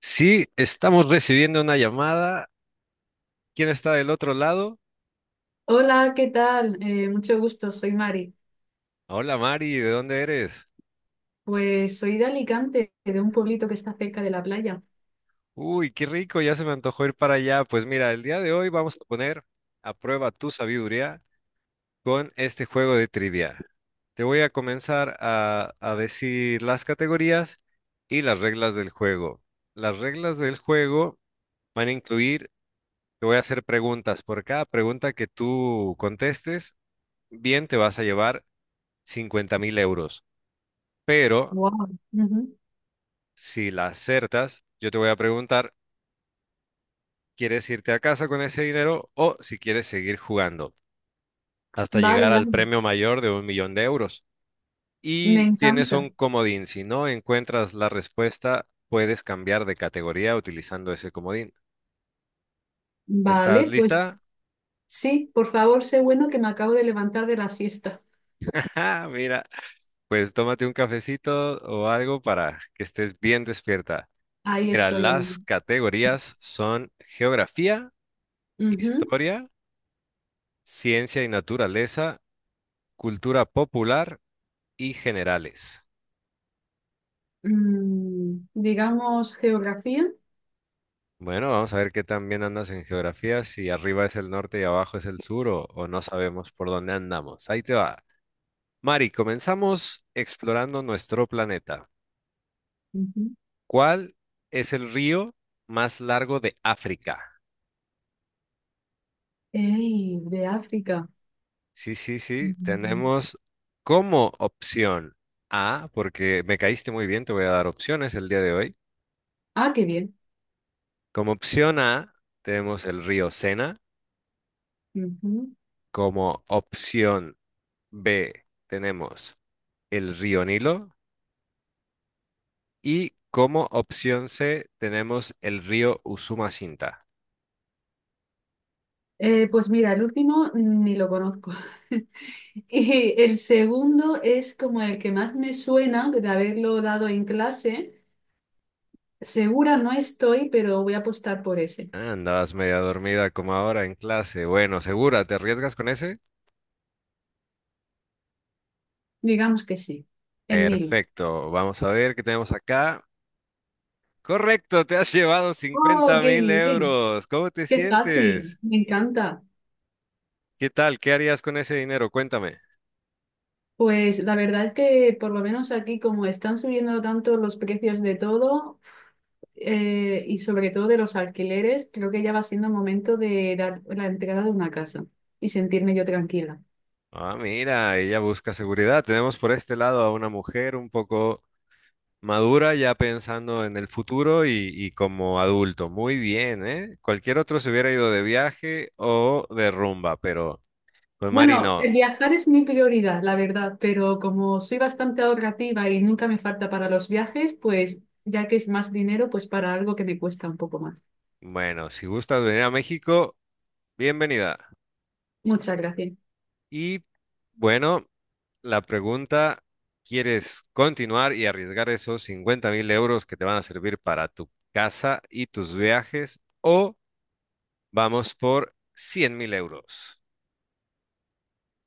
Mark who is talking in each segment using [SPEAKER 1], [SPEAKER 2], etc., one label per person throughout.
[SPEAKER 1] Sí, estamos recibiendo una llamada. ¿Quién está del otro lado?
[SPEAKER 2] Hola, ¿qué tal? Mucho gusto, soy Mari.
[SPEAKER 1] Hola Mari, ¿de dónde eres?
[SPEAKER 2] Pues soy de Alicante, de un pueblito que está cerca de la playa.
[SPEAKER 1] Uy, qué rico, ya se me antojó ir para allá. Pues mira, el día de hoy vamos a poner a prueba tu sabiduría con este juego de trivia. Te voy a comenzar a decir las categorías y las reglas del juego. Las reglas del juego van a incluir, te voy a hacer preguntas. Por cada pregunta que tú contestes, bien te vas a llevar 50 mil euros. Pero
[SPEAKER 2] Wow.
[SPEAKER 1] si la acertas, yo te voy a preguntar, ¿quieres irte a casa con ese dinero o si quieres seguir jugando hasta llegar
[SPEAKER 2] Vale,
[SPEAKER 1] al
[SPEAKER 2] vale,
[SPEAKER 1] premio mayor de un millón de euros?
[SPEAKER 2] me
[SPEAKER 1] Y tienes
[SPEAKER 2] encanta.
[SPEAKER 1] un comodín. Si no encuentras la respuesta, puedes cambiar de categoría utilizando ese comodín. ¿Estás
[SPEAKER 2] Vale, pues
[SPEAKER 1] lista?
[SPEAKER 2] sí, por favor, sé bueno que me acabo de levantar de la siesta.
[SPEAKER 1] Ah, mira, pues tómate un cafecito o algo para que estés bien despierta.
[SPEAKER 2] Ahí
[SPEAKER 1] Mira,
[SPEAKER 2] estoy en ello.
[SPEAKER 1] las categorías son geografía,
[SPEAKER 2] Ujú.
[SPEAKER 1] historia, ciencia y naturaleza, cultura popular y generales.
[SPEAKER 2] Digamos geografía.
[SPEAKER 1] Bueno, vamos a ver qué tan bien andas en geografía, si arriba es el norte y abajo es el sur o no sabemos por dónde andamos. Ahí te va. Mari, comenzamos explorando nuestro planeta.
[SPEAKER 2] Ujú.
[SPEAKER 1] ¿Cuál es el río más largo de África?
[SPEAKER 2] Ey, de África.
[SPEAKER 1] Sí, sí, sí,
[SPEAKER 2] Ujú.
[SPEAKER 1] tenemos como opción A, porque me caíste muy bien, te voy a dar opciones el día de hoy.
[SPEAKER 2] Ah, qué bien.
[SPEAKER 1] Como opción A, tenemos el río Sena. Como opción B, tenemos el río Nilo y como opción C tenemos el río Usumacinta.
[SPEAKER 2] Pues mira, el último ni lo conozco. Y el segundo es como el que más me suena de haberlo dado en clase. Segura no estoy, pero voy a apostar por ese.
[SPEAKER 1] Ah, andabas media dormida como ahora en clase. Bueno, segura, ¿te arriesgas con ese?
[SPEAKER 2] Digamos que sí, el Nilo.
[SPEAKER 1] Perfecto, vamos a ver qué tenemos acá. Correcto, te has llevado
[SPEAKER 2] ¡Oh,
[SPEAKER 1] cincuenta
[SPEAKER 2] qué
[SPEAKER 1] mil
[SPEAKER 2] bien!
[SPEAKER 1] euros. ¿Cómo te
[SPEAKER 2] ¡Qué fácil!
[SPEAKER 1] sientes?
[SPEAKER 2] Me encanta.
[SPEAKER 1] ¿Qué tal? ¿Qué harías con ese dinero? Cuéntame.
[SPEAKER 2] Pues la verdad es que por lo menos aquí como están subiendo tanto los precios de todo y sobre todo de los alquileres, creo que ya va siendo momento de la entrada de una casa y sentirme yo tranquila.
[SPEAKER 1] Ah, mira, ella busca seguridad. Tenemos por este lado a una mujer un poco madura ya pensando en el futuro y como adulto. Muy bien, ¿eh? Cualquier otro se hubiera ido de viaje o de rumba, pero pues Mari
[SPEAKER 2] Bueno, el
[SPEAKER 1] no.
[SPEAKER 2] viajar es mi prioridad, la verdad, pero como soy bastante ahorrativa y nunca me falta para los viajes, pues ya que es más dinero, pues para algo que me cuesta un poco más.
[SPEAKER 1] Bueno, si gustas venir a México, bienvenida.
[SPEAKER 2] Muchas gracias.
[SPEAKER 1] Y bueno, la pregunta, ¿quieres continuar y arriesgar esos 50 mil euros que te van a servir para tu casa y tus viajes o vamos por 100 mil euros?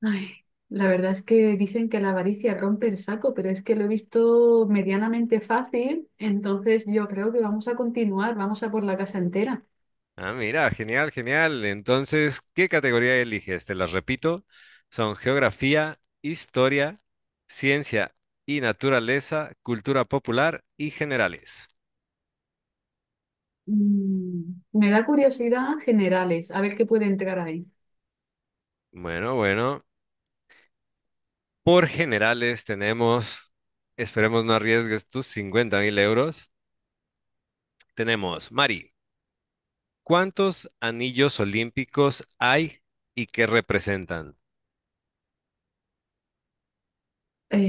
[SPEAKER 2] Ay, la verdad es que dicen que la avaricia rompe el saco, pero es que lo he visto medianamente fácil, entonces yo creo que vamos a continuar, vamos a por la casa entera.
[SPEAKER 1] Ah, mira, genial, genial. Entonces, ¿qué categoría eliges? Te las repito. Son geografía, historia, ciencia y naturaleza, cultura popular y generales.
[SPEAKER 2] Me da curiosidad generales, a ver qué puede entrar ahí.
[SPEAKER 1] Bueno, bueno. Por generales tenemos, esperemos no arriesgues tus 50 mil euros. Tenemos, Mari, ¿cuántos anillos olímpicos hay y qué representan?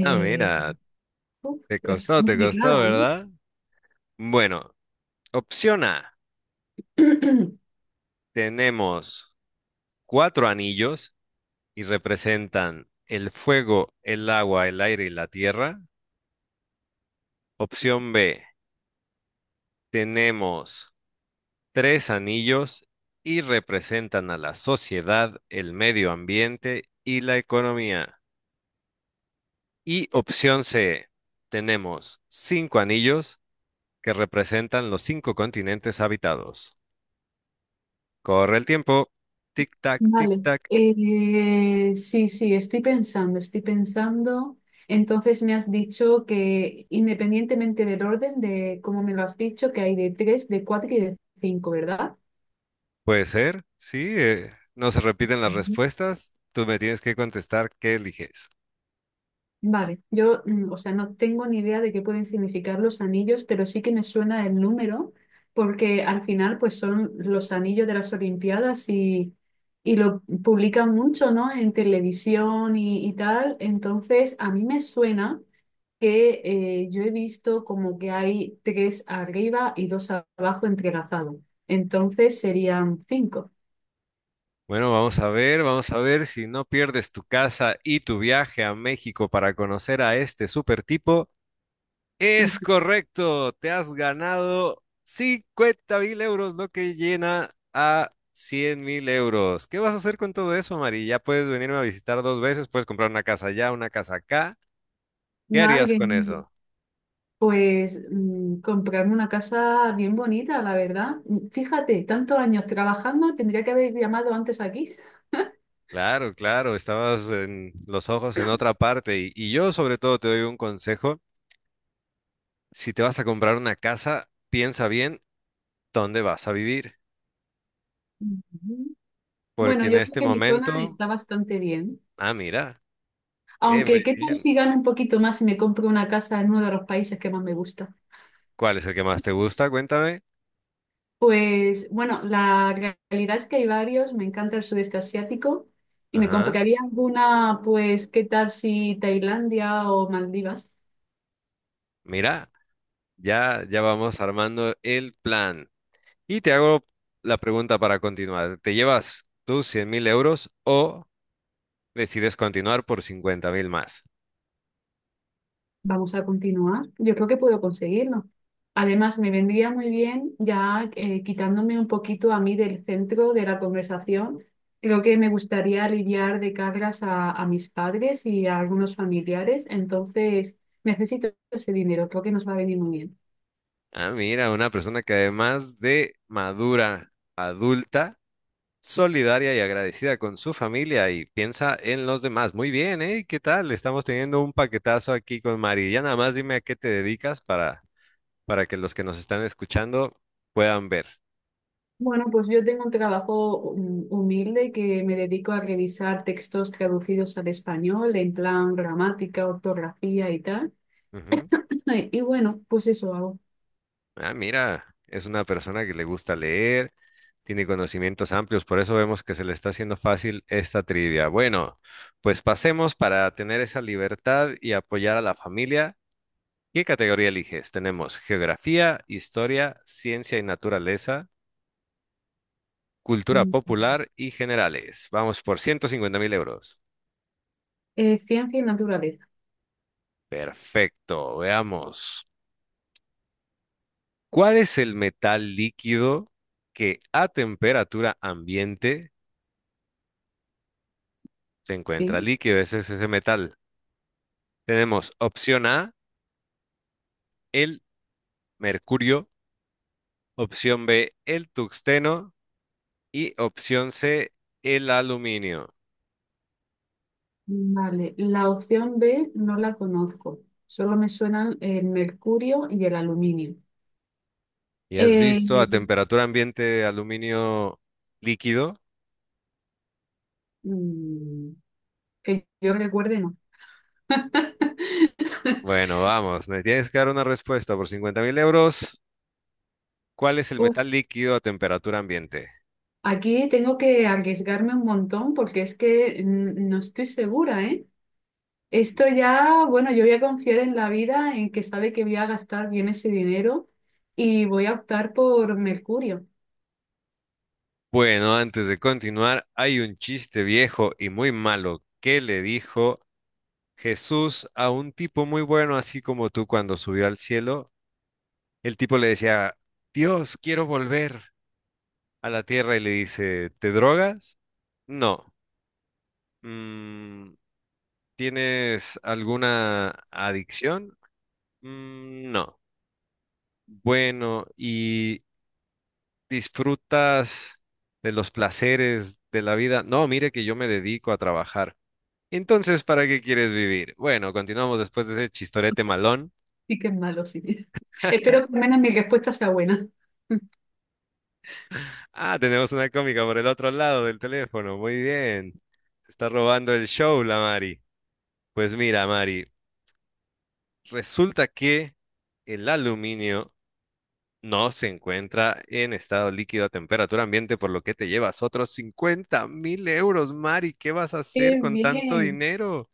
[SPEAKER 1] Ah, mira,
[SPEAKER 2] Uf, es
[SPEAKER 1] te costó,
[SPEAKER 2] complicada, ¿eh?
[SPEAKER 1] ¿verdad? Bueno, opción A, tenemos cuatro anillos y representan el fuego, el agua, el aire y la tierra. Opción B, tenemos tres anillos y representan a la sociedad, el medio ambiente y la economía. Y opción C, tenemos cinco anillos que representan los cinco continentes habitados. Corre el tiempo. Tic-tac,
[SPEAKER 2] Vale,
[SPEAKER 1] tic-tac.
[SPEAKER 2] Sí, sí, estoy pensando, estoy pensando. Entonces me has dicho que independientemente del orden de cómo me lo has dicho, que hay de tres, de cuatro y de cinco, ¿verdad?
[SPEAKER 1] Puede ser, sí. No se repiten las
[SPEAKER 2] Ujú.
[SPEAKER 1] respuestas. Tú me tienes que contestar qué eliges.
[SPEAKER 2] Vale, yo, o sea, no tengo ni idea de qué pueden significar los anillos, pero sí que me suena el número, porque al final, pues son los anillos de las Olimpiadas y lo publican mucho, ¿no? En televisión y tal. Entonces, a mí me suena que yo he visto como que hay tres arriba y dos abajo entrelazados. Entonces serían cinco.
[SPEAKER 1] Bueno, vamos a ver si no pierdes tu casa y tu viaje a México para conocer a este super tipo. Es correcto, te has ganado 50 mil euros, lo que llena a 100 mil euros. ¿Qué vas a hacer con todo eso, Mari? Ya puedes venirme a visitar dos veces, puedes comprar una casa allá, una casa acá. ¿Qué harías
[SPEAKER 2] Madre
[SPEAKER 1] con
[SPEAKER 2] mía.
[SPEAKER 1] eso?
[SPEAKER 2] Pues comprarme una casa bien bonita, la verdad. Fíjate, tantos años trabajando, tendría que haber llamado antes aquí.
[SPEAKER 1] Claro, claro, estabas en los ojos en otra parte y yo sobre todo te doy un consejo. Si te vas a comprar una casa, piensa bien dónde vas a vivir.
[SPEAKER 2] Ujú. Bueno,
[SPEAKER 1] Porque en
[SPEAKER 2] yo creo
[SPEAKER 1] este
[SPEAKER 2] que mi zona
[SPEAKER 1] momento,
[SPEAKER 2] está bastante bien.
[SPEAKER 1] ah, mira,
[SPEAKER 2] Aunque,
[SPEAKER 1] muy
[SPEAKER 2] ¿qué tal
[SPEAKER 1] bien.
[SPEAKER 2] si gano un poquito más y me compro una casa en uno de los países que más me gusta?
[SPEAKER 1] ¿Cuál es el que más te gusta? Cuéntame.
[SPEAKER 2] Pues bueno, la realidad es que hay varios, me encanta el sudeste asiático y me
[SPEAKER 1] Ajá,
[SPEAKER 2] compraría alguna, pues, ¿qué tal si Tailandia o Maldivas?
[SPEAKER 1] mira, ya, ya vamos armando el plan. Y te hago la pregunta para continuar. ¿Te llevas tus 100 mil euros o decides continuar por 50 mil más?
[SPEAKER 2] Vamos a continuar. Yo creo que puedo conseguirlo. Además, me vendría muy bien ya quitándome un poquito a mí del centro de la conversación. Creo que me gustaría aliviar de cargas a mis padres y a algunos familiares, entonces necesito ese dinero, creo que nos va a venir muy bien.
[SPEAKER 1] Ah, mira, una persona que además de madura, adulta, solidaria y agradecida con su familia y piensa en los demás. Muy bien, ¿eh? ¿Qué tal? Estamos teniendo un paquetazo aquí con Mari. Ya nada más dime a qué te dedicas para que los que nos están escuchando puedan ver.
[SPEAKER 2] Bueno, pues yo tengo un trabajo humilde que me dedico a revisar textos traducidos al español en plan gramática, ortografía y tal.
[SPEAKER 1] Ujú.
[SPEAKER 2] Y bueno, pues eso hago.
[SPEAKER 1] Ah, mira, es una persona que le gusta leer, tiene conocimientos amplios, por eso vemos que se le está haciendo fácil esta trivia. Bueno, pues pasemos para tener esa libertad y apoyar a la familia. ¿Qué categoría eliges? Tenemos geografía, historia, ciencia y naturaleza, cultura
[SPEAKER 2] Mm.
[SPEAKER 1] popular y generales. Vamos por 150 mil euros.
[SPEAKER 2] Ciencia y naturaleza,
[SPEAKER 1] Perfecto, veamos. ¿Cuál es el metal líquido que a temperatura ambiente se encuentra
[SPEAKER 2] ¿sí?
[SPEAKER 1] líquido? Ese es ese metal. Tenemos opción A, el mercurio, opción B, el tuxteno y opción C, el aluminio.
[SPEAKER 2] Vale, la opción B no la conozco. Solo me suenan el mercurio y el aluminio.
[SPEAKER 1] ¿Y has
[SPEAKER 2] Eh,
[SPEAKER 1] visto a temperatura ambiente aluminio líquido?
[SPEAKER 2] mm, que yo recuerde, no.
[SPEAKER 1] Bueno, vamos, me tienes que dar una respuesta por 50 mil euros. ¿Cuál es el
[SPEAKER 2] Uf,
[SPEAKER 1] metal líquido a temperatura ambiente?
[SPEAKER 2] aquí tengo que arriesgarme un montón porque es que no estoy segura, ¿eh? Esto ya, bueno, yo voy a confiar en la vida, en que sabe que voy a gastar bien ese dinero y voy a optar por Mercurio.
[SPEAKER 1] Bueno, antes de continuar, hay un chiste viejo y muy malo que le dijo Jesús a un tipo muy bueno, así como tú cuando subió al cielo. El tipo le decía, Dios, quiero volver a la tierra y le dice, ¿te drogas? No. "Mm, ¿tienes alguna adicción?" "Mm, no." Bueno, ¿y disfrutas de los placeres de la vida? No, mire que yo me dedico a trabajar. Entonces, ¿para qué quieres vivir? Bueno, continuamos después de ese chistorete malón.
[SPEAKER 2] Sí que es malo, sí. Espero que al menos mi respuesta sea buena.
[SPEAKER 1] Ah, tenemos una cómica por el otro lado del teléfono. Muy bien. Se está robando el show, la Mari. Pues mira, Mari, resulta que el aluminio no se encuentra en estado líquido a temperatura ambiente, por lo que te llevas otros 50 mil euros, Mari. ¿Qué vas a hacer
[SPEAKER 2] ¡Qué
[SPEAKER 1] con tanto
[SPEAKER 2] bien!
[SPEAKER 1] dinero?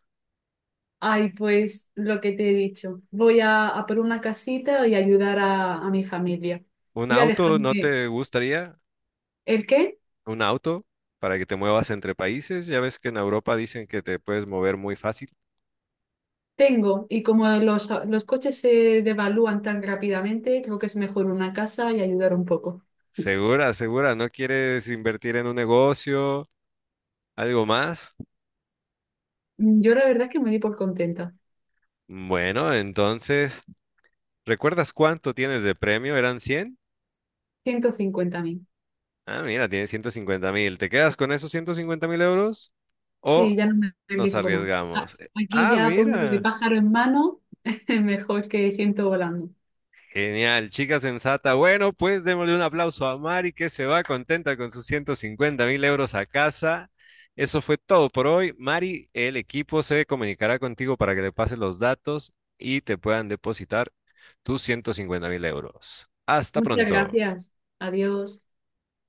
[SPEAKER 2] Ay, pues lo que te he dicho. Voy a por una casita y ayudar a mi familia.
[SPEAKER 1] ¿Un
[SPEAKER 2] Voy a
[SPEAKER 1] auto no
[SPEAKER 2] dejarme.
[SPEAKER 1] te gustaría?
[SPEAKER 2] ¿El qué?
[SPEAKER 1] ¿Un auto para que te muevas entre países? Ya ves que en Europa dicen que te puedes mover muy fácil.
[SPEAKER 2] Tengo, y como los coches se devalúan tan rápidamente, creo que es mejor una casa y ayudar un poco.
[SPEAKER 1] Segura, segura, ¿no quieres invertir en un negocio? ¿Algo más?
[SPEAKER 2] Yo la verdad es que me di por contenta.
[SPEAKER 1] Bueno, entonces, ¿recuerdas cuánto tienes de premio? ¿Eran cien?
[SPEAKER 2] 150.000.
[SPEAKER 1] Ah, mira, tienes 150 mil. ¿Te quedas con esos 150 mil euros o
[SPEAKER 2] Sí, ya no me
[SPEAKER 1] nos
[SPEAKER 2] arriesgo más.
[SPEAKER 1] arriesgamos?
[SPEAKER 2] Aquí
[SPEAKER 1] Ah,
[SPEAKER 2] ya pongo de
[SPEAKER 1] mira.
[SPEAKER 2] pájaro en mano, mejor que ciento volando.
[SPEAKER 1] Genial, chica sensata. Bueno, pues démosle un aplauso a Mari que se va contenta con sus 150 mil euros a casa. Eso fue todo por hoy. Mari, el equipo se comunicará contigo para que le pases los datos y te puedan depositar tus 150 mil euros. Hasta
[SPEAKER 2] Muchas
[SPEAKER 1] pronto.
[SPEAKER 2] gracias. Adiós.